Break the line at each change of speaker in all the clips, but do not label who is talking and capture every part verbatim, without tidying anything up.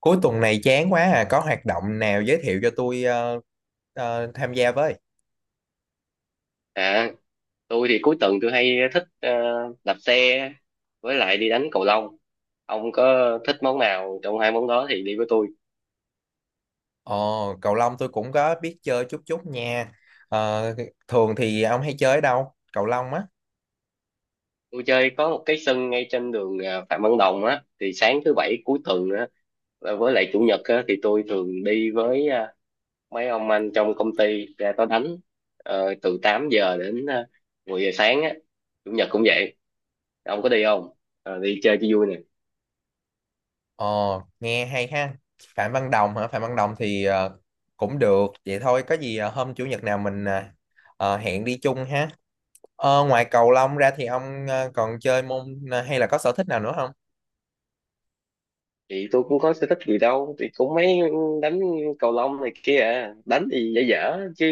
Cuối tuần này chán quá à, có hoạt động nào giới thiệu cho tôi ờ, ờ, tham gia với?
À, tôi thì cuối tuần tôi hay thích ờ, đạp xe với lại đi đánh cầu lông. Ông có thích món nào trong hai món đó thì đi với tôi.
Ồ, cầu lông tôi cũng có biết chơi chút chút nha. Ờ, Thường thì ông hay chơi ở đâu? Cầu lông á.
Tôi chơi có một cái sân ngay trên đường ờ, Phạm Văn Đồng á, thì sáng thứ bảy cuối tuần á và với lại chủ nhật á, thì tôi thường đi với ờ, mấy ông anh trong công ty ra đó đánh. Ờ, từ tám giờ đến uh, mười giờ sáng á. Chủ nhật cũng vậy. Ông có đi không? Ờ, đi chơi cho vui nè.
Ồ, nghe hay ha. Phạm Văn Đồng hả? Phạm Văn Đồng thì ờ, cũng được. Vậy thôi, có gì ờ, hôm chủ nhật nào mình ờ, ờ, hẹn đi chung ha. Ờ, ngoài cầu lông ra thì ông ờ, còn chơi môn ờ, hay là có sở thích nào nữa không?
Thì tôi cũng có sở thích gì đâu, thì cũng mấy đánh cầu lông này kia à. Đánh thì dở dở chứ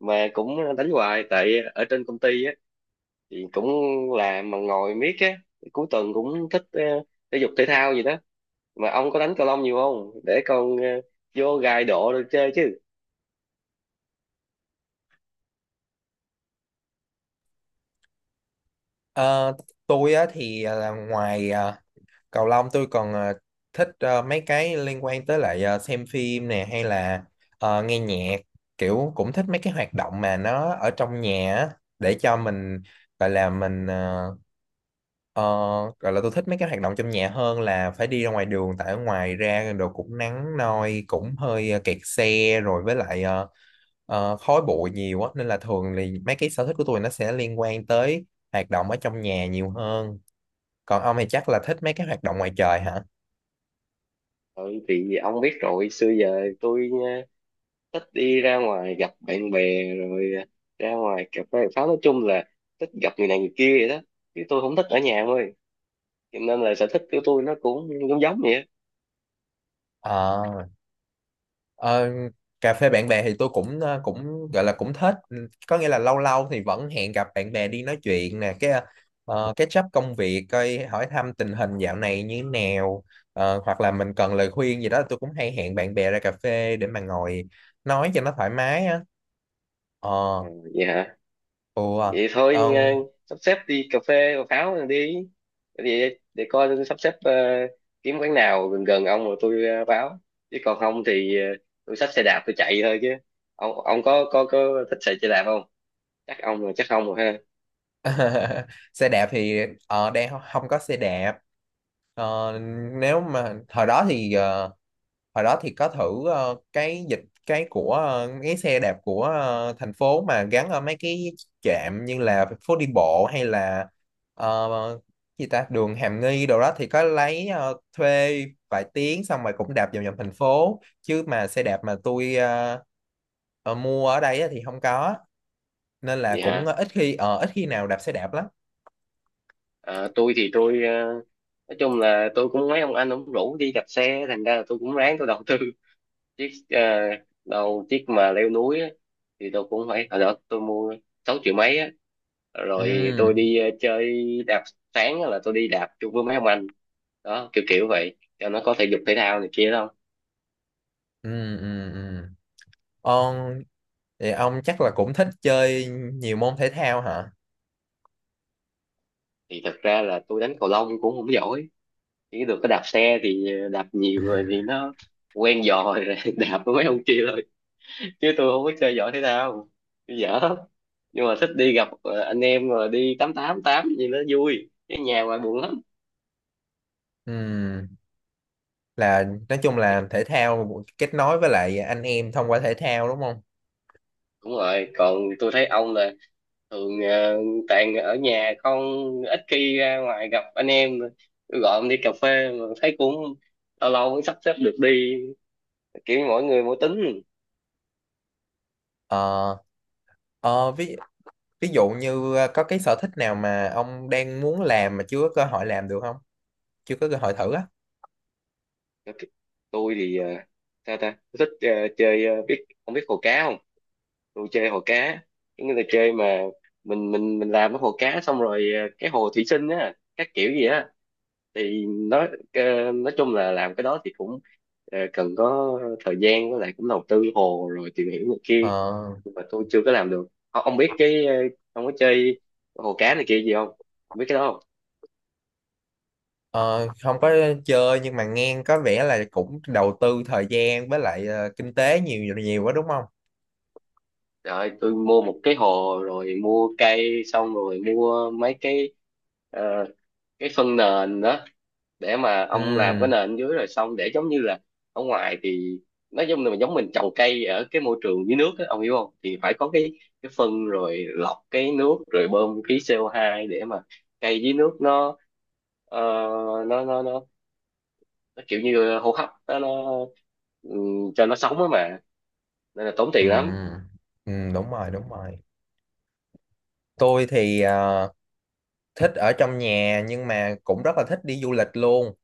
mà cũng đánh hoài, tại ở trên công ty á thì cũng làm mà ngồi miết á, cuối tuần cũng thích ờ, thể dục thể thao gì đó. Mà ông có đánh cầu lông nhiều không để con ờ, vô gài độ rồi chơi chứ.
Ờ, tôi á, thì ờ, là ngoài ờ, cầu lông tôi còn ờ, thích ờ, mấy cái liên quan tới lại ờ, xem phim nè hay là ờ, nghe nhạc kiểu cũng thích mấy cái hoạt động mà nó ở trong nhà á, để cho mình gọi là mình ờ, ờ, gọi là tôi thích mấy cái hoạt động trong nhà hơn là phải đi ra ngoài đường tại ở ngoài ra đồ cũng nắng nôi cũng hơi ờ, kẹt xe rồi với lại ờ, ờ, khói bụi nhiều á nên là thường thì mấy cái sở thích của tôi nó sẽ liên quan tới hoạt động ở trong nhà nhiều hơn, còn ông thì chắc là thích mấy cái hoạt động ngoài trời hả?
Ừ, thì ông biết rồi, xưa giờ tôi ờ, thích đi ra ngoài gặp bạn bè rồi ờ, ra ngoài cà phê pháo, nói chung là thích gặp người này người kia vậy đó, chứ tôi không thích ở nhà thôi. Cho nên là sở thích của tôi nó cũng giống giống vậy á.
Ờ, ờ, Cà phê bạn bè thì tôi cũng ờ, cũng gọi là cũng thích. Ừ, có nghĩa là lâu lâu thì vẫn hẹn gặp bạn bè đi nói chuyện nè cái uh, catch up công việc coi hỏi thăm tình hình dạo này như nào. Ờ, hoặc là mình cần lời khuyên gì đó tôi cũng hay hẹn bạn bè ra cà phê để mà ngồi nói cho nó thoải mái á. ờ
Vậy hả.
ủa,
Vậy thôi,
ờ,
ờ, sắp xếp đi cà phê cà pháo rồi đi. Để, để coi tôi sắp xếp, ờ, kiếm quán nào gần gần ông rồi tôi ờ, báo. Chứ còn không thì ờ, tôi xách xe đạp tôi chạy thôi chứ. Ông ông có có có thích chạy xe đạp không? Chắc ông rồi chắc không rồi ha.
Xe đạp thì ờ, đang không có xe đạp. Ờ, nếu mà thời đó thì ờ, hồi đó thì có thử ờ, cái dịch cái của ờ, cái xe đạp của ờ, thành phố mà gắn ở mấy cái trạm như là phố đi bộ hay là ờ, gì ta đường Hàm Nghi đồ đó thì có lấy ờ, thuê vài tiếng xong rồi cũng đạp vòng vòng thành phố, chứ mà xe đạp mà tôi ờ, ờ, mua ở đây á thì không có nên là
Vậy
cũng
hả.
ít khi ờ, ít khi nào đạp xe đạp lắm.
Ờ, tôi thì tôi ờ, nói chung là tôi cũng mấy ông anh ông rủ đi đạp xe, thành ra là tôi cũng ráng tôi đầu tư chiếc ờ, đâu chiếc mà leo núi á, thì tôi cũng phải hồi đó tôi mua sáu triệu mấy á, rồi
ừ
tôi đi ờ, chơi đạp sáng á là tôi đi đạp chung với mấy ông anh đó kiểu kiểu vậy, cho nó có thể dục thể thao này kia đâu.
ừ ừ ừ ông thì ông chắc là cũng thích chơi nhiều môn thể thao hả?
Thì thật ra là tôi đánh cầu lông cũng không giỏi, chỉ được cái đạp xe thì ờ, đạp nhiều rồi thì nó quen giò rồi đạp với mấy ông kia thôi, chứ tôi không có chơi giỏi thể thao, tôi dở lắm. Nhưng mà thích đi gặp ờ, anh em rồi đi tám tám tám gì nó vui, cái nhà ngoài buồn lắm.
Ừ, là nói chung là thể thao kết nối với lại anh em thông qua thể thao đúng không?
Đúng rồi, còn tôi thấy ông là thường ờ, toàn ở nhà không, ít khi ra ngoài gặp anh em. Tôi gọi ông đi cà phê mà thấy cũng lâu lâu mới sắp xếp được đi, kiểu mỗi người mỗi tính.
Ờ, ờ, ví ví dụ như ờ, có cái sở thích nào mà ông đang muốn làm mà chưa có cơ hội làm được không? Chưa có cơ hội thử á?
Tôi thì ờ, sao ta, tôi thích ờ, chơi ờ, biết ông biết hồ cá không? Tôi chơi hồ cá, cái người là chơi mà mình mình mình làm cái hồ cá xong rồi ờ, cái hồ thủy sinh á các kiểu gì á, thì nói ờ, nói chung là làm cái đó thì cũng ờ, cần có thời gian với lại cũng đầu tư hồ rồi tìm hiểu này kia.
Ờ,
Nhưng mà tôi chưa có làm được. ông, ông biết cái ờ, ông có chơi hồ cá này kia gì không? Ông biết cái đó không?
ờ, Không có chơi nhưng mà nghe có vẻ là cũng đầu tư thời gian với lại ờ, kinh tế nhiều nhiều quá đúng không?
Rồi tôi mua một cái hồ rồi mua cây xong rồi mua mấy cái ờ, cái phân nền đó, để mà ông làm cái
Ừ,
nền dưới rồi xong để giống như là ở ngoài thì nói chung là giống mình trồng cây ở cái môi trường dưới nước á, ông hiểu không? Thì phải có cái cái phân rồi lọc cái nước rồi bơm khí xê ô hai để mà cây dưới nước nó ờ, nó, nó nó nó kiểu như hô hấp nó, nó ừm, cho nó sống á mà, nên là tốn
ừ,
tiền lắm.
ừ, Đúng rồi, đúng rồi. Tôi thì ờ, thích ở trong nhà nhưng mà cũng rất là thích đi du lịch luôn.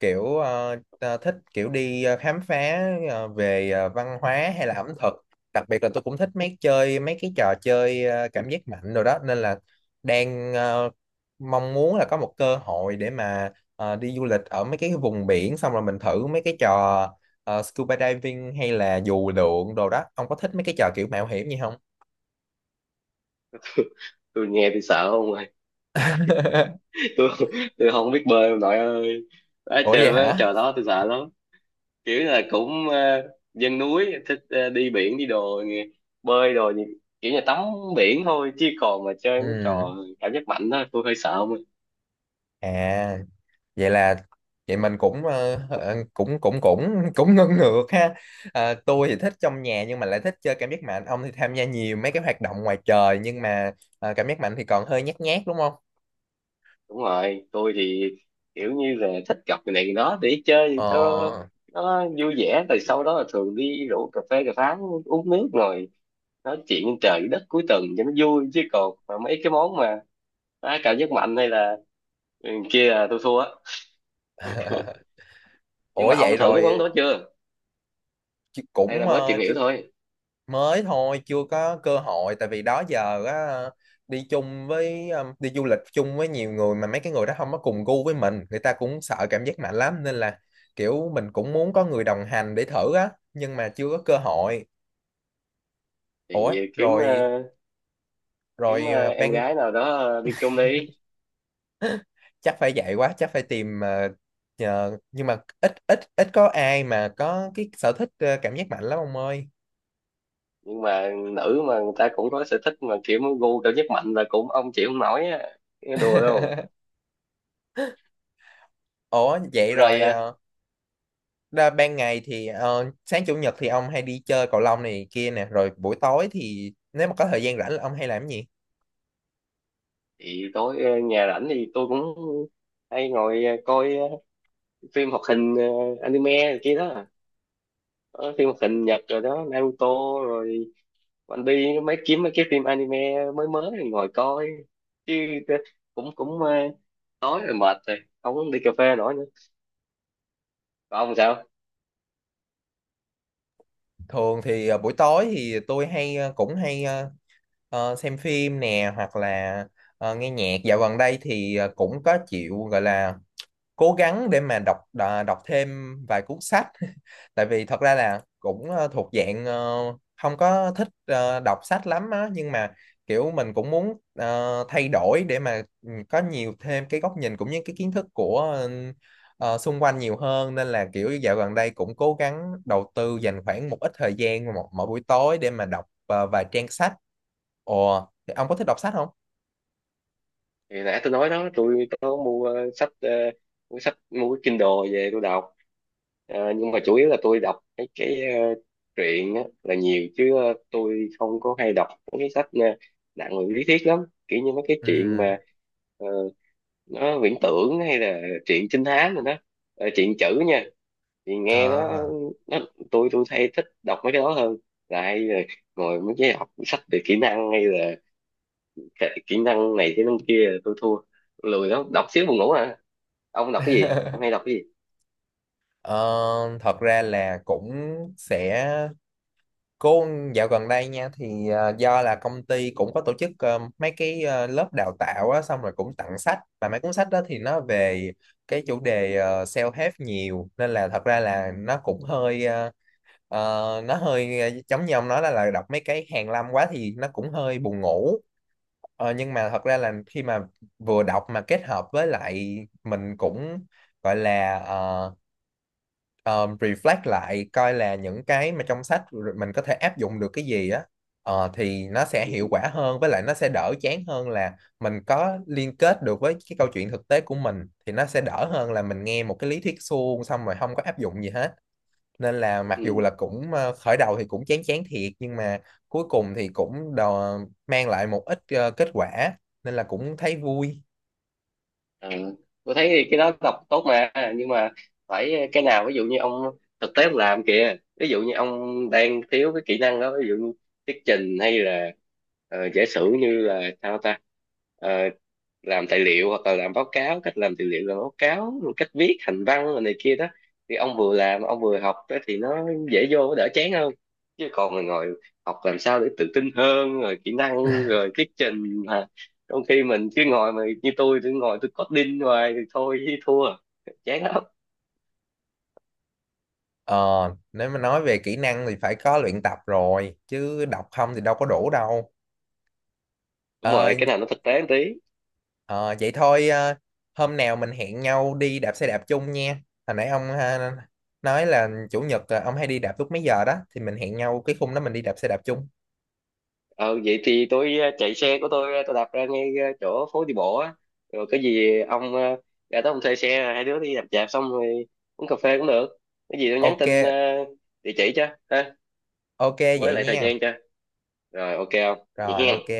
Kiểu ờ, ta thích kiểu đi ờ, khám phá ờ, về ờ, văn hóa hay là ẩm thực, đặc biệt là tôi cũng thích mấy chơi mấy cái trò chơi ờ, cảm giác mạnh rồi đó nên là đang ờ, mong muốn là có một cơ hội để mà ờ, đi du lịch ở mấy cái vùng biển xong rồi mình thử mấy cái trò ờ, scuba diving hay là dù lượn đồ đó. Ông có thích mấy cái trò kiểu mạo hiểm gì không?
Tôi nghe tôi sợ không rồi. tôi tôi không biết bơi ông nội ơi. Đó,
Ủa
trời
vậy
ơi
hả?
trời, đó tôi sợ lắm. Kiểu là cũng ờ, dân núi thích ờ, đi biển đi đồ nghe- bơi đồ gì kiểu như tắm biển thôi, chứ còn mà chơi mấy
Ừ,
trò cảm giác mạnh đó tôi hơi sợ không ạ.
à, vậy là vậy mình cũng ờ, ờ, cũng cũng cũng cũng ngưng ngược ha. Ờ, tôi thì thích trong nhà nhưng mà lại thích chơi cảm giác mạnh, ông thì tham gia nhiều mấy cái hoạt động ngoài trời nhưng mà ờ, cảm giác mạnh thì còn hơi nhát nhát đúng không?
Đúng rồi, tôi thì kiểu như là thích gặp người này người đó để
Ờ
chơi cho nó vui vẻ, rồi sau đó là thường đi rủ cà phê cà pháo uống nước rồi nói chuyện trên trời dưới đất cuối tuần cho nó vui, chứ còn mà mấy cái món mà đá cảm giác mạnh hay là ừ, kia là tôi thua á. Nhưng
Ủa
mà
vậy
ông thử mấy món
rồi
đó chưa
chứ
hay là
cũng
mới
ờ,
tìm hiểu
chứ
thôi?
mới thôi chưa có cơ hội, tại vì đó giờ á đi chung với um, đi du lịch chung với nhiều người mà mấy cái người đó không có cùng gu với mình, người ta cũng sợ cảm giác mạnh lắm nên là kiểu mình cũng muốn có người đồng hành để thử á nhưng mà chưa có cơ hội. Ủa
Thì kiếm
rồi
ờ, kiếm
rồi
ờ,
à,
em
ban
gái nào đó ờ, đi chung đi.
chắc phải vậy quá chắc phải tìm à, nhờ- nhưng mà ít ít ít có ai mà có cái sở thích à, cảm giác mạnh lắm ông ơi.
Nhưng mà nữ mà người ta cũng có sở thích mà kiểu gu cao nhất mạnh là cũng ông chịu không nổi á. Cái đùa đâu.
Ủa vậy
Rồi
rồi
ờ,
ờ, ra ban ngày thì ờ, sáng chủ nhật thì ông hay đi chơi cầu lông này kia nè rồi buổi tối thì nếu mà có thời gian rảnh là ông hay làm cái gì?
thì tối ờ, nhà rảnh thì tôi cũng hay ngồi ờ, coi ờ, phim hoạt hình ờ, anime rồi kia đó. Có phim hoạt hình Nhật rồi đó, Naruto rồi One Piece, mấy kiếm mấy cái phim anime mới mới rồi ngồi coi. Chứ ờ, cũng cũng ờ, tối rồi mệt rồi, không đi cà phê nổi nữa. Còn ông sao?
Thường thì ờ, buổi tối thì tôi hay ờ, cũng hay ờ, ờ, xem phim nè hoặc là ờ, nghe nhạc, dạo gần đây thì ờ, cũng có chịu gọi là cố gắng để mà đọc đà- đọc thêm vài cuốn sách tại vì thật ra là cũng ờ, thuộc dạng ờ, không có thích ờ, đọc sách lắm á nhưng mà kiểu mình cũng muốn ờ, thay đổi để mà ừ, có nhiều thêm cái góc nhìn cũng như cái kiến thức của ờ, ờ, xung quanh nhiều hơn, nên là kiểu dạo gần đây cũng cố gắng đầu tư dành khoảng một ít thời gian mỗi, mỗi buổi tối để mà đọc ờ, vài trang sách. Ồ, thì ông có thích đọc sách không?
Thì nãy tôi nói đó, tôi có mua ờ, sách, ờ, mua sách, mua cái Kindle về tôi đọc. Ờ, nhưng mà chủ yếu là tôi đọc cái cái ờ, truyện á, là nhiều, chứ ờ, tôi không có hay đọc mấy cái sách ờ, nặng về lý thuyết lắm, kiểu như mấy cái truyện
Ừ.
mà ờ, nó viễn tưởng hay là truyện trinh thám rồi đó. Ờ, truyện chữ nha, thì nghe nó
À,
nó tôi tôi hay thích đọc mấy cái đó hơn là lại ngồi mấy cái học sách về kỹ năng hay là kỹ kỹ năng này kỹ năng kia tôi thua, lười lắm, đọc xíu buồn ngủ à. Ông đọc cái gì? Ông hay đọc cái gì?
ờ, Thật ra là cũng sẽ Cô dạo gần đây nha thì ờ, do là công ty cũng có tổ chức ờ, mấy cái ờ, lớp đào tạo á, xong rồi cũng tặng sách và mấy cuốn sách đó thì nó về cái chủ đề ờ, self-help nhiều nên là thật ra là nó cũng hơi ờ, ờ, nó hơi ờ, giống như ông nói là, là đọc mấy cái hàn lâm quá thì nó cũng hơi buồn ngủ. Ờ, nhưng mà thật ra là khi mà vừa đọc mà kết hợp với lại mình cũng gọi là ờ, um, reflect lại coi là những cái mà trong sách rồi mình có thể áp dụng được cái gì á, ờ, thì nó sẽ hiệu quả hơn với lại nó sẽ đỡ chán hơn là mình có liên kết được với cái câu chuyện thực tế của mình thì nó sẽ đỡ hơn là mình nghe một cái lý thuyết suông xong rồi không có áp dụng gì hết. Nên là mặc dù
Ừ.
là cũng ờ, khởi đầu thì cũng chán chán thiệt nhưng mà cuối cùng thì cũng đò, mang lại một ít ờ, kết quả nên là cũng thấy vui.
Ờ, tôi thấy thì cái đó đọc tốt mà, nhưng mà phải cái nào ví dụ như ông thực tế ông làm kìa, ví dụ như ông đang thiếu cái kỹ năng đó, ví dụ như thuyết trình hay là ờ, giả sử như là sao ta. Ờ, làm tài liệu hoặc là làm báo cáo, cách làm tài liệu làm báo cáo rồi cách viết hành văn rồi này kia đó, thì ông vừa làm ông vừa học đó thì nó dễ vô, nó đỡ chán hơn. Chứ còn ngồi ngồi học làm sao để tự tin hơn rồi kỹ năng rồi thuyết trình, trong khi mình cứ ngồi mà như tôi tôi ngồi tôi coding hoài thì thôi chứ thua, chán lắm.
Ờ, nếu mà nói về kỹ năng thì phải có luyện tập rồi chứ đọc không thì đâu có đủ đâu.
Đúng
Ờ,
rồi, cái nào nó thực tế một tí.
ờ, Vậy thôi ờ, hôm nào mình hẹn nhau đi đạp xe đạp chung nha. Hồi nãy ông ha, nói là chủ nhật ờ, ông hay đi đạp lúc mấy giờ đó thì mình hẹn nhau cái khung đó mình đi đạp xe đạp chung.
Ờ vậy thì tôi ờ, chạy xe của tôi, ờ, tôi đạp ra ngay ờ, chỗ phố đi bộ á, rồi cái gì ông ờ, ra tới ông thuê xe, hai đứa đi đạp đạp xong rồi uống cà phê cũng được. Cái gì tôi nhắn
Ok,
tin ờ, địa chỉ cho, ha.
ok
Với
vậy
lại thời
nha.
gian cho, rồi ok không? Vậy
Rồi ok.
hen.